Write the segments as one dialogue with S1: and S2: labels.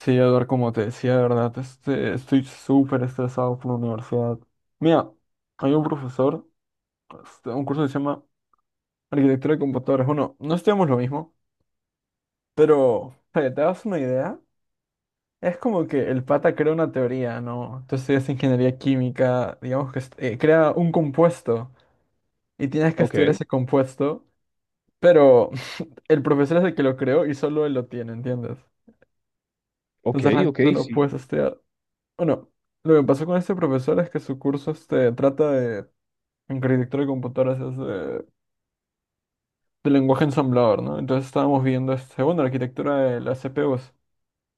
S1: Sí, Eduardo, como te decía, de verdad, estoy súper estresado por la universidad. Mira, hay un profesor, un curso que se llama Arquitectura de Computadoras. Bueno, no estudiamos lo mismo, pero para que te das una idea, es como que el pata crea una teoría, ¿no? Tú estudias ingeniería química, digamos que crea un compuesto y tienes que estudiar
S2: Ok,
S1: ese compuesto, pero el profesor es el que lo creó y solo él lo tiene, ¿entiendes?
S2: ok,
S1: Entonces realmente
S2: ok,
S1: no lo
S2: sí,
S1: puedes estudiar. Bueno, lo que pasó con este profesor es que su curso, trata de, en arquitectura de computadoras, es de lenguaje ensamblador, ¿no? Entonces estábamos viendo, bueno, la arquitectura de las CPUs.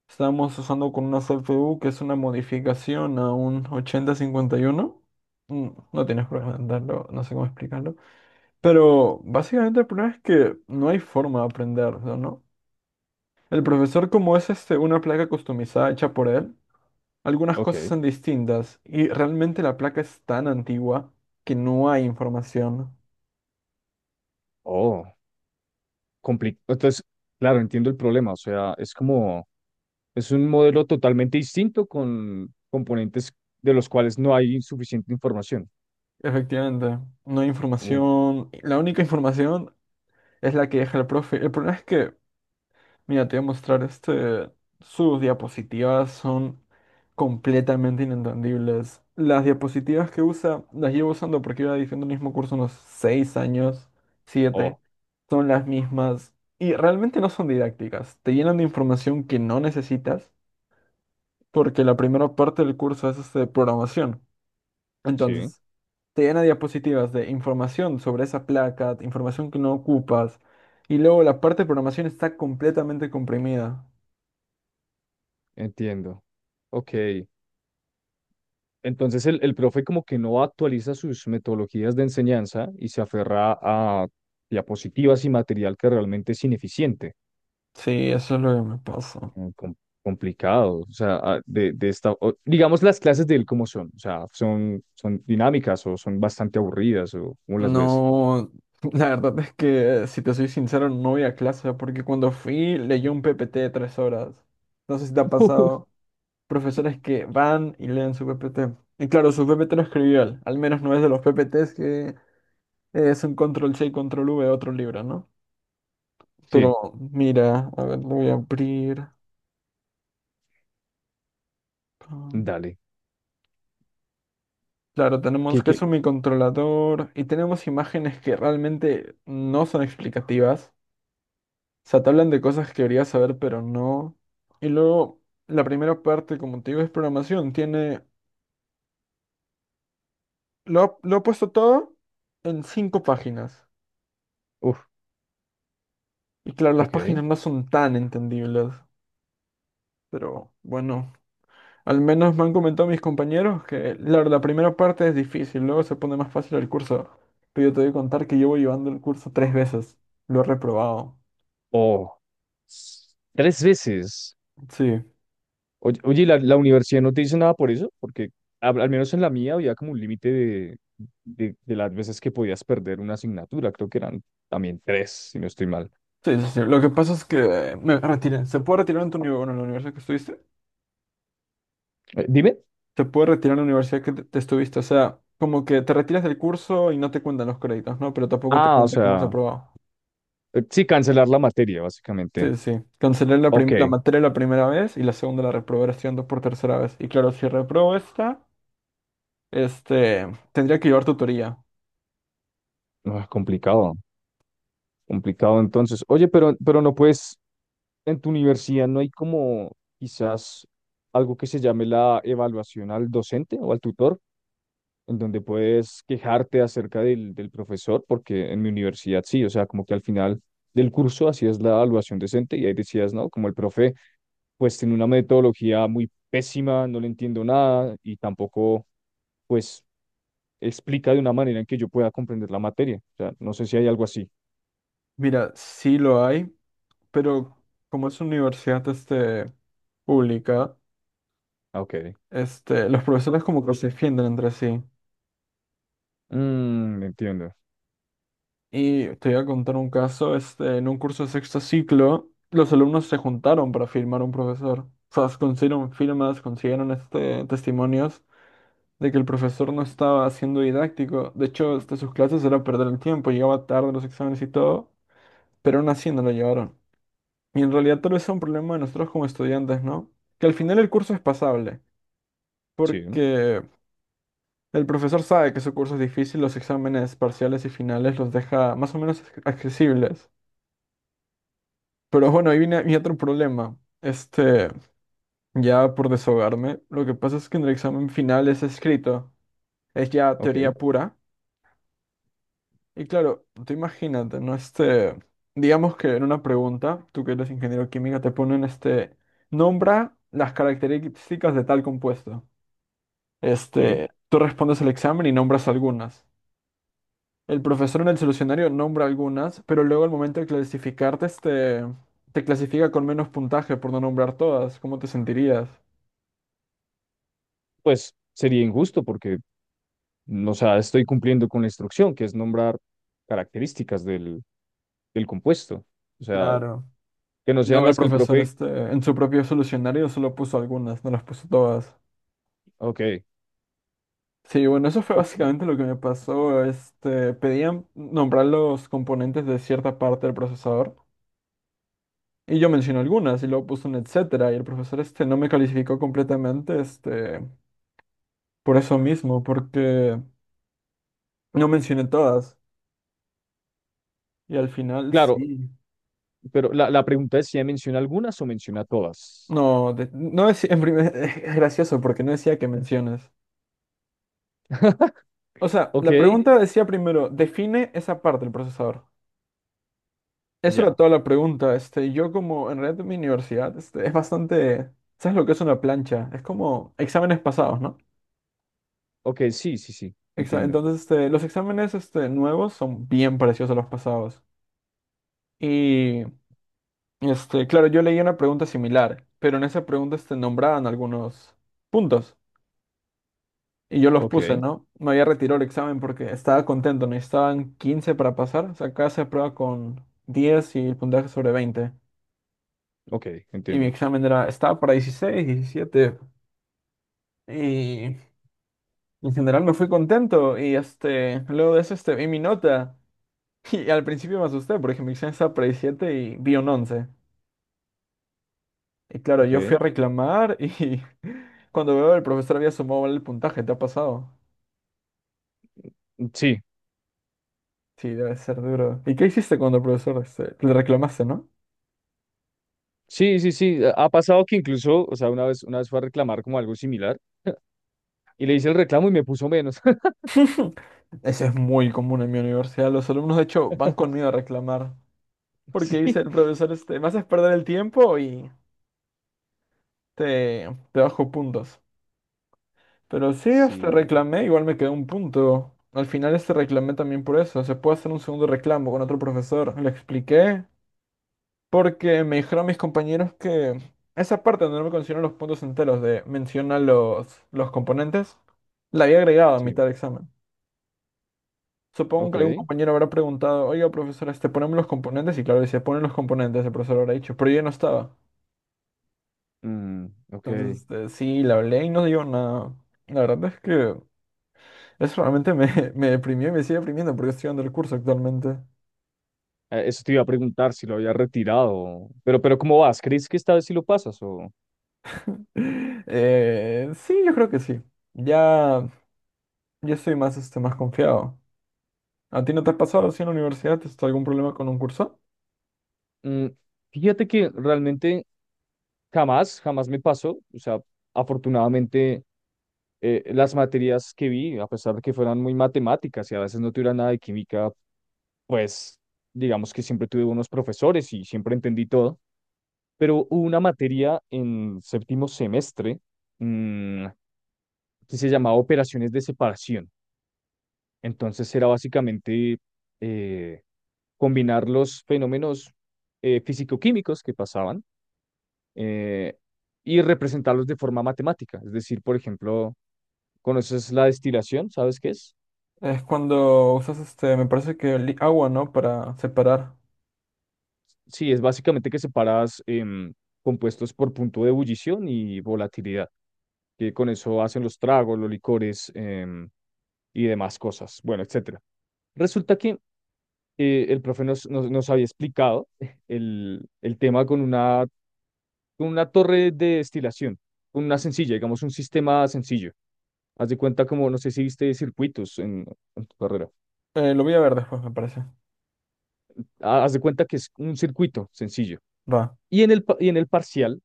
S1: Estábamos usando con una CPU que es una modificación a un 8051. Mm, No tienes por qué entenderlo, no sé cómo explicarlo. Pero básicamente el problema es que no hay forma de aprender, ¿no? El profesor, como es, una placa customizada hecha por él, algunas cosas
S2: ok.
S1: son distintas y realmente la placa es tan antigua que no hay información.
S2: Oh, complicado. Entonces, claro, entiendo el problema. O sea, es como, es un modelo totalmente distinto con componentes de los cuales no hay suficiente información.
S1: Efectivamente, no hay
S2: Uh,
S1: información. La única información es la que deja el profe. El problema es que, mira, te voy a mostrar este. Sus diapositivas son completamente inentendibles. Las diapositivas que usa, las llevo usando porque iba diciendo el mismo curso unos 6 años, siete.
S2: oh,
S1: Son las mismas y realmente no son didácticas. Te llenan de información que no necesitas porque la primera parte del curso es, programación.
S2: sí,
S1: Entonces, te llena diapositivas de información sobre esa placa, información que no ocupas, y luego la parte de programación está completamente comprimida.
S2: entiendo. Ok. Entonces, el profe como que no actualiza sus metodologías de enseñanza y se aferra a diapositivas y material que realmente es ineficiente.
S1: Sí, eso es lo que me pasa.
S2: mm, com- Complicado. O sea, ah, de esta, digamos las clases de él como son. O sea, son dinámicas o son bastante aburridas o cómo las ves.
S1: No, la verdad es que, si te soy sincero, no voy a clase, porque cuando fui leí un PPT de tres horas. No sé si te ha pasado. Profesores que van y leen su PPT. Y claro, su PPT lo escribió trivial, al menos no es de los PPTs que... Es un control C y control V, otro libro, ¿no? Pero
S2: Sí,
S1: mira, a ver, lo voy a abrir. Con-
S2: dale.
S1: Claro, tenemos
S2: ¿Qué,
S1: que es
S2: qué?
S1: un microcontrolador y tenemos imágenes que realmente no son explicativas. O sea, te hablan de cosas que deberías saber, pero no. Y luego, la primera parte, como te digo, es programación. Tiene. Lo he puesto todo en cinco páginas.
S2: Uf,
S1: Y claro, las páginas
S2: ok.
S1: no son tan entendibles. Pero bueno. Al menos me han comentado mis compañeros que la primera parte es difícil, luego se pone más fácil el curso. Pero yo te voy a contar que llevo llevando el curso tres veces. Lo he reprobado.
S2: Oh, tres veces.
S1: Sí,
S2: Oye, oye, ¿y la universidad no te dice nada por eso? Porque al menos en la mía había como un límite de las veces que podías perder una asignatura. Creo que eran también tres, si no estoy mal.
S1: sí, sí. Sí. Lo que pasa es que, me retiré. ¿Se puede retirar en tu universidad, bueno, en la universidad que estuviste?
S2: Dime.
S1: Se puede retirar en la universidad que te estuviste. O sea, como que te retiras del curso y no te cuentan los créditos, ¿no? Pero tampoco te
S2: Ah, o
S1: cuenta cómo has
S2: sea,
S1: aprobado.
S2: sí, cancelar la materia, básicamente.
S1: Sí, sí. Sí. Cancelé la, prim-
S2: Ok,
S1: la materia la primera vez y la segunda la reprobé estudiando por tercera vez. Y claro, si reprobo esta... tendría que llevar tutoría.
S2: no, es complicado, complicado entonces. Oye, pero no puedes, en tu universidad no hay como quizás algo que se llame la evaluación al docente o al tutor, en donde puedes quejarte acerca del profesor, porque en mi universidad sí, o sea, como que al final del curso hacías la evaluación decente y ahí decías, no, como el profe, pues tiene una metodología muy pésima, no le entiendo nada y tampoco, pues, explica de una manera en que yo pueda comprender la materia. O sea, no sé si hay algo así.
S1: Mira, sí lo hay, pero como es una universidad, pública,
S2: Ah, ok.
S1: los profesores como que se defienden entre sí.
S2: Mm, entiendo.
S1: Y te voy a contar un caso, en un curso de sexto ciclo, los alumnos se juntaron para firmar a un profesor. O sea, consiguieron firmas, consiguieron, testimonios de que el profesor no estaba siendo didáctico. De hecho, hasta sus clases era perder el tiempo, llegaba tarde a los exámenes y todo, pero aún así no lo llevaron. Y en realidad tal vez sea un problema de nosotros como estudiantes, ¿no? Que al final el curso es pasable,
S2: Sí,
S1: porque el profesor sabe que su curso es difícil, los exámenes parciales y finales los deja más o menos accesibles. Pero bueno, ahí viene mi otro problema. Este, ya por desahogarme, lo que pasa es que en el examen final es escrito, es ya
S2: ok,
S1: teoría pura. Y claro, tú imagínate, ¿no? Digamos que en una pregunta, tú que eres ingeniero química, te ponen, nombra las características de tal compuesto.
S2: sí.
S1: Tú respondes el examen y nombras algunas. El profesor en el solucionario nombra algunas, pero luego al momento de clasificarte, te clasifica con menos puntaje por no nombrar todas. ¿Cómo te sentirías?
S2: Pues sería injusto porque, o sea, estoy cumpliendo con la instrucción, que es nombrar características del compuesto. O sea,
S1: Claro.
S2: que no
S1: Y
S2: sean
S1: luego el
S2: las que el
S1: profesor,
S2: profe...
S1: en su propio solucionario solo puso algunas, no las puso todas.
S2: Ok,
S1: Sí, bueno, eso fue
S2: pues,
S1: básicamente lo que me pasó. Pedían nombrar los componentes de cierta parte del procesador y yo mencioné algunas y luego puse un etcétera y el profesor no me calificó completamente, por eso mismo, porque no mencioné todas y al final,
S2: claro,
S1: sí.
S2: pero la pregunta es si ya menciona algunas o menciona todas.
S1: No decía en primer... Es gracioso porque no decía que menciones. O sea,
S2: Ok,
S1: la pregunta decía primero, define esa parte del procesador. Eso era
S2: ya.
S1: toda la pregunta. Yo, como en realidad en mi universidad, es bastante... ¿Sabes lo que es una plancha? Es como exámenes pasados, ¿no?
S2: Ok, sí, sí, sí, entiendo.
S1: Entonces, los exámenes, nuevos son bien parecidos a los pasados. Y, claro, yo leí una pregunta similar, pero en esa pregunta, nombraban algunos puntos. Y yo los
S2: Ok,
S1: puse, ¿no? Me había retirado el examen porque estaba contento. Necesitaban 15 para pasar. O sea, acá se aprueba con 10 y el puntaje sobre veinte.
S2: ok,
S1: Y mi
S2: entiendo.
S1: examen era, estaba para 16, 17. Y en general me fui contento y, luego de eso, vi mi nota y al principio me asusté porque mi examen estaba para 17 y vi un once. Y claro, yo fui a
S2: Ok,
S1: reclamar y cuando veo, el profesor había sumado mal el puntaje, ¿te ha pasado?
S2: sí,
S1: Sí, debe ser duro. ¿Y qué hiciste cuando el profesor, le reclamaste, no?
S2: sí, sí, sí. Ha pasado que incluso, o sea, una vez fue a reclamar como algo similar y le hice el reclamo y me puso menos.
S1: Eso es muy común en mi universidad. Los alumnos, de hecho, van conmigo a reclamar. Porque
S2: Sí,
S1: dice el profesor, me haces perder el tiempo y te, te bajo puntos. Pero sí,
S2: sí,
S1: reclamé, igual me quedó un punto. Al final reclamé también por eso. Se puede hacer un segundo reclamo con otro profesor. Le expliqué, porque me dijeron mis compañeros que esa parte donde no me considero los puntos enteros de menciona los componentes, la había agregado a
S2: sí,
S1: mitad del examen. Supongo que algún
S2: ok.
S1: compañero habrá preguntado, oiga, profesor, ponemos los componentes. Y claro, decía, ponen los componentes, el profesor habrá dicho, pero yo ya no estaba.
S2: Mm, ok.
S1: Entonces, sí, la hablé y no digo nada. La verdad es que eso realmente me, me deprimió y me sigue deprimiendo porque estoy dando el curso actualmente.
S2: Eso te iba a preguntar si lo había retirado. Pero ¿cómo vas? ¿Crees que esta vez sí lo pasas? O...
S1: Sí, yo creo que sí. Ya, ya estoy más, más confiado. ¿A ti no te has pasado así en la universidad? ¿Tienes algún problema con un curso?
S2: Mm, fíjate que realmente jamás, jamás me pasó. O sea, afortunadamente las materias que vi, a pesar de que fueran muy matemáticas y a veces no tuviera nada de química, pues digamos que siempre tuve unos profesores y siempre entendí todo. Pero hubo una materia en séptimo semestre mm, que se llamaba operaciones de separación. Entonces era básicamente eh, combinar los fenómenos físico-químicos que pasaban eh, y representarlos de forma matemática. Es decir, por ejemplo, ¿conoces la destilación? ¿Sabes qué es?
S1: Es cuando usas, me parece que agua, ¿no? Para separar.
S2: Sí, es básicamente que separas compuestos por punto de ebullición y volatilidad, que con eso hacen los tragos, los licores y demás cosas, bueno, etcétera. Resulta que el profe nos había explicado el tema con una torre de destilación, con una sencilla, digamos un sistema sencillo. Haz de cuenta como, no sé si viste circuitos en tu carrera.
S1: Lo voy a ver después, me parece.
S2: Ah, haz de cuenta que es un circuito sencillo.
S1: Va.
S2: Y en el parcial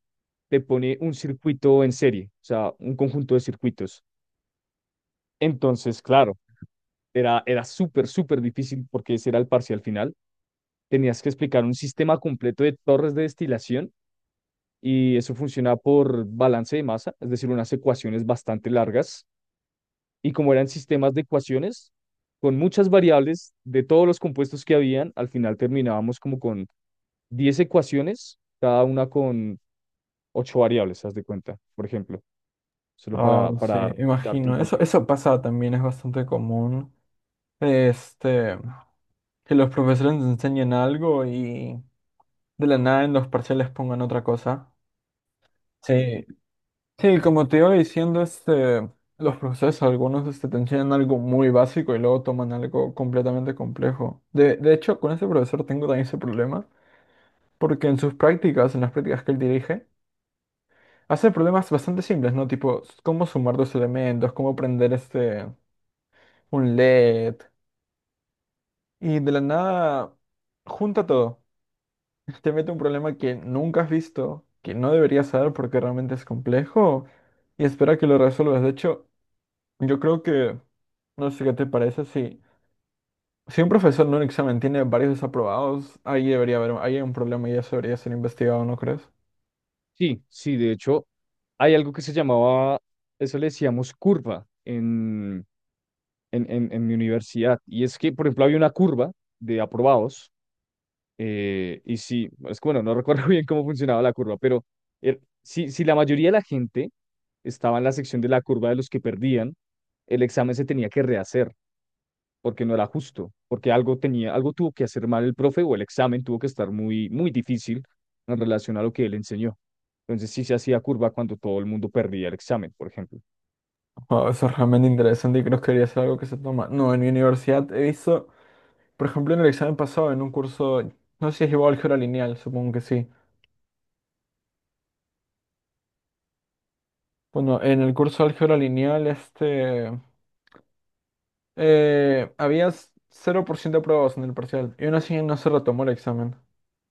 S2: te pone un circuito en serie, o sea, un conjunto de circuitos. Entonces, claro, era súper, súper difícil porque ese era el parcial final. Tenías que explicar un sistema completo de torres de destilación y eso funciona por balance de masa, es decir, unas ecuaciones bastante largas. Y como eran sistemas de ecuaciones, con muchas variables de todos los compuestos que habían, al final terminábamos como con 10 ecuaciones, cada una con 8 variables, haz de cuenta, por ejemplo, solo
S1: Ah,
S2: para
S1: sí,
S2: darte un
S1: imagino. Eso,
S2: contexto.
S1: eso pasa también, es bastante común. Este, que los profesores nos enseñen algo y de la nada en los parciales pongan otra cosa. Sí, sí, como te iba diciendo, los procesos, algunos te enseñan algo muy básico y luego toman algo completamente complejo. De hecho, con ese profesor tengo también ese problema, porque en sus prácticas, en las prácticas que él dirige, hace problemas bastante simples, ¿no? Tipo, cómo sumar dos elementos, cómo prender, un LED, y de la nada junta todo. Te mete un problema que nunca has visto, que no deberías saber porque realmente es complejo, y espera que lo resuelvas. De hecho, yo creo que, no sé qué te parece, si un profesor en un examen tiene varios desaprobados, ahí debería haber, ahí hay un problema y eso debería ser investigado, ¿no crees?
S2: Sí, sí, de hecho, hay algo que se llamaba, eso le decíamos curva en mi universidad, y es que, por ejemplo, había una curva de aprobados. Y sí, es que bueno, no recuerdo bien cómo funcionaba la curva, pero si la mayoría de la gente estaba en la sección de la curva de los que perdían, el examen se tenía que rehacer porque no era justo, porque algo tenía, algo tuvo que hacer mal el profe o el examen tuvo que estar muy, muy difícil en relación a lo que él enseñó. Entonces sí se hacía curva cuando todo el mundo perdía el examen, por ejemplo.
S1: Wao, eso es realmente interesante y creo que debería ser algo que se toma. No, en mi universidad he visto, por ejemplo, en el examen pasado, en un curso, no sé si es igual álgebra lineal, supongo que sí. Bueno, en el curso de álgebra lineal, había 0% de aprobados en el parcial y aún así no se retomó el examen.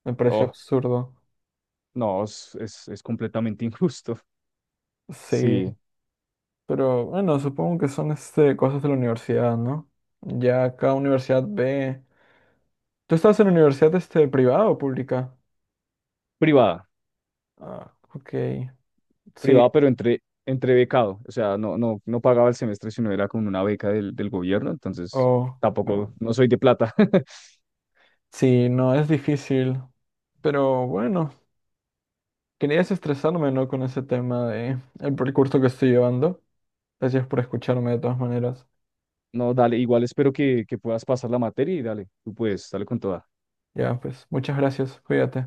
S1: Me pareció
S2: Oh,
S1: absurdo.
S2: no, es completamente injusto.
S1: Sí.
S2: Sí.
S1: Pero bueno, supongo que son, cosas de la universidad, ¿no? Ya cada universidad ve. ¿Tú estás en universidad, privada o pública?
S2: Privada.
S1: Ah, ok. Sí,
S2: Privado, pero entre becado. O sea, no, no, no pagaba el semestre, sino era con una beca del gobierno. Entonces,
S1: o.
S2: tampoco, no soy de plata.
S1: Sí, no, es difícil. Pero bueno, quería desestresarme, ¿no? Con ese tema de el percurso que estoy llevando. Gracias por escucharme de todas maneras.
S2: No, dale, igual espero que puedas pasar la materia y dale, tú puedes, dale con toda.
S1: Ya, pues, muchas gracias. Cuídate.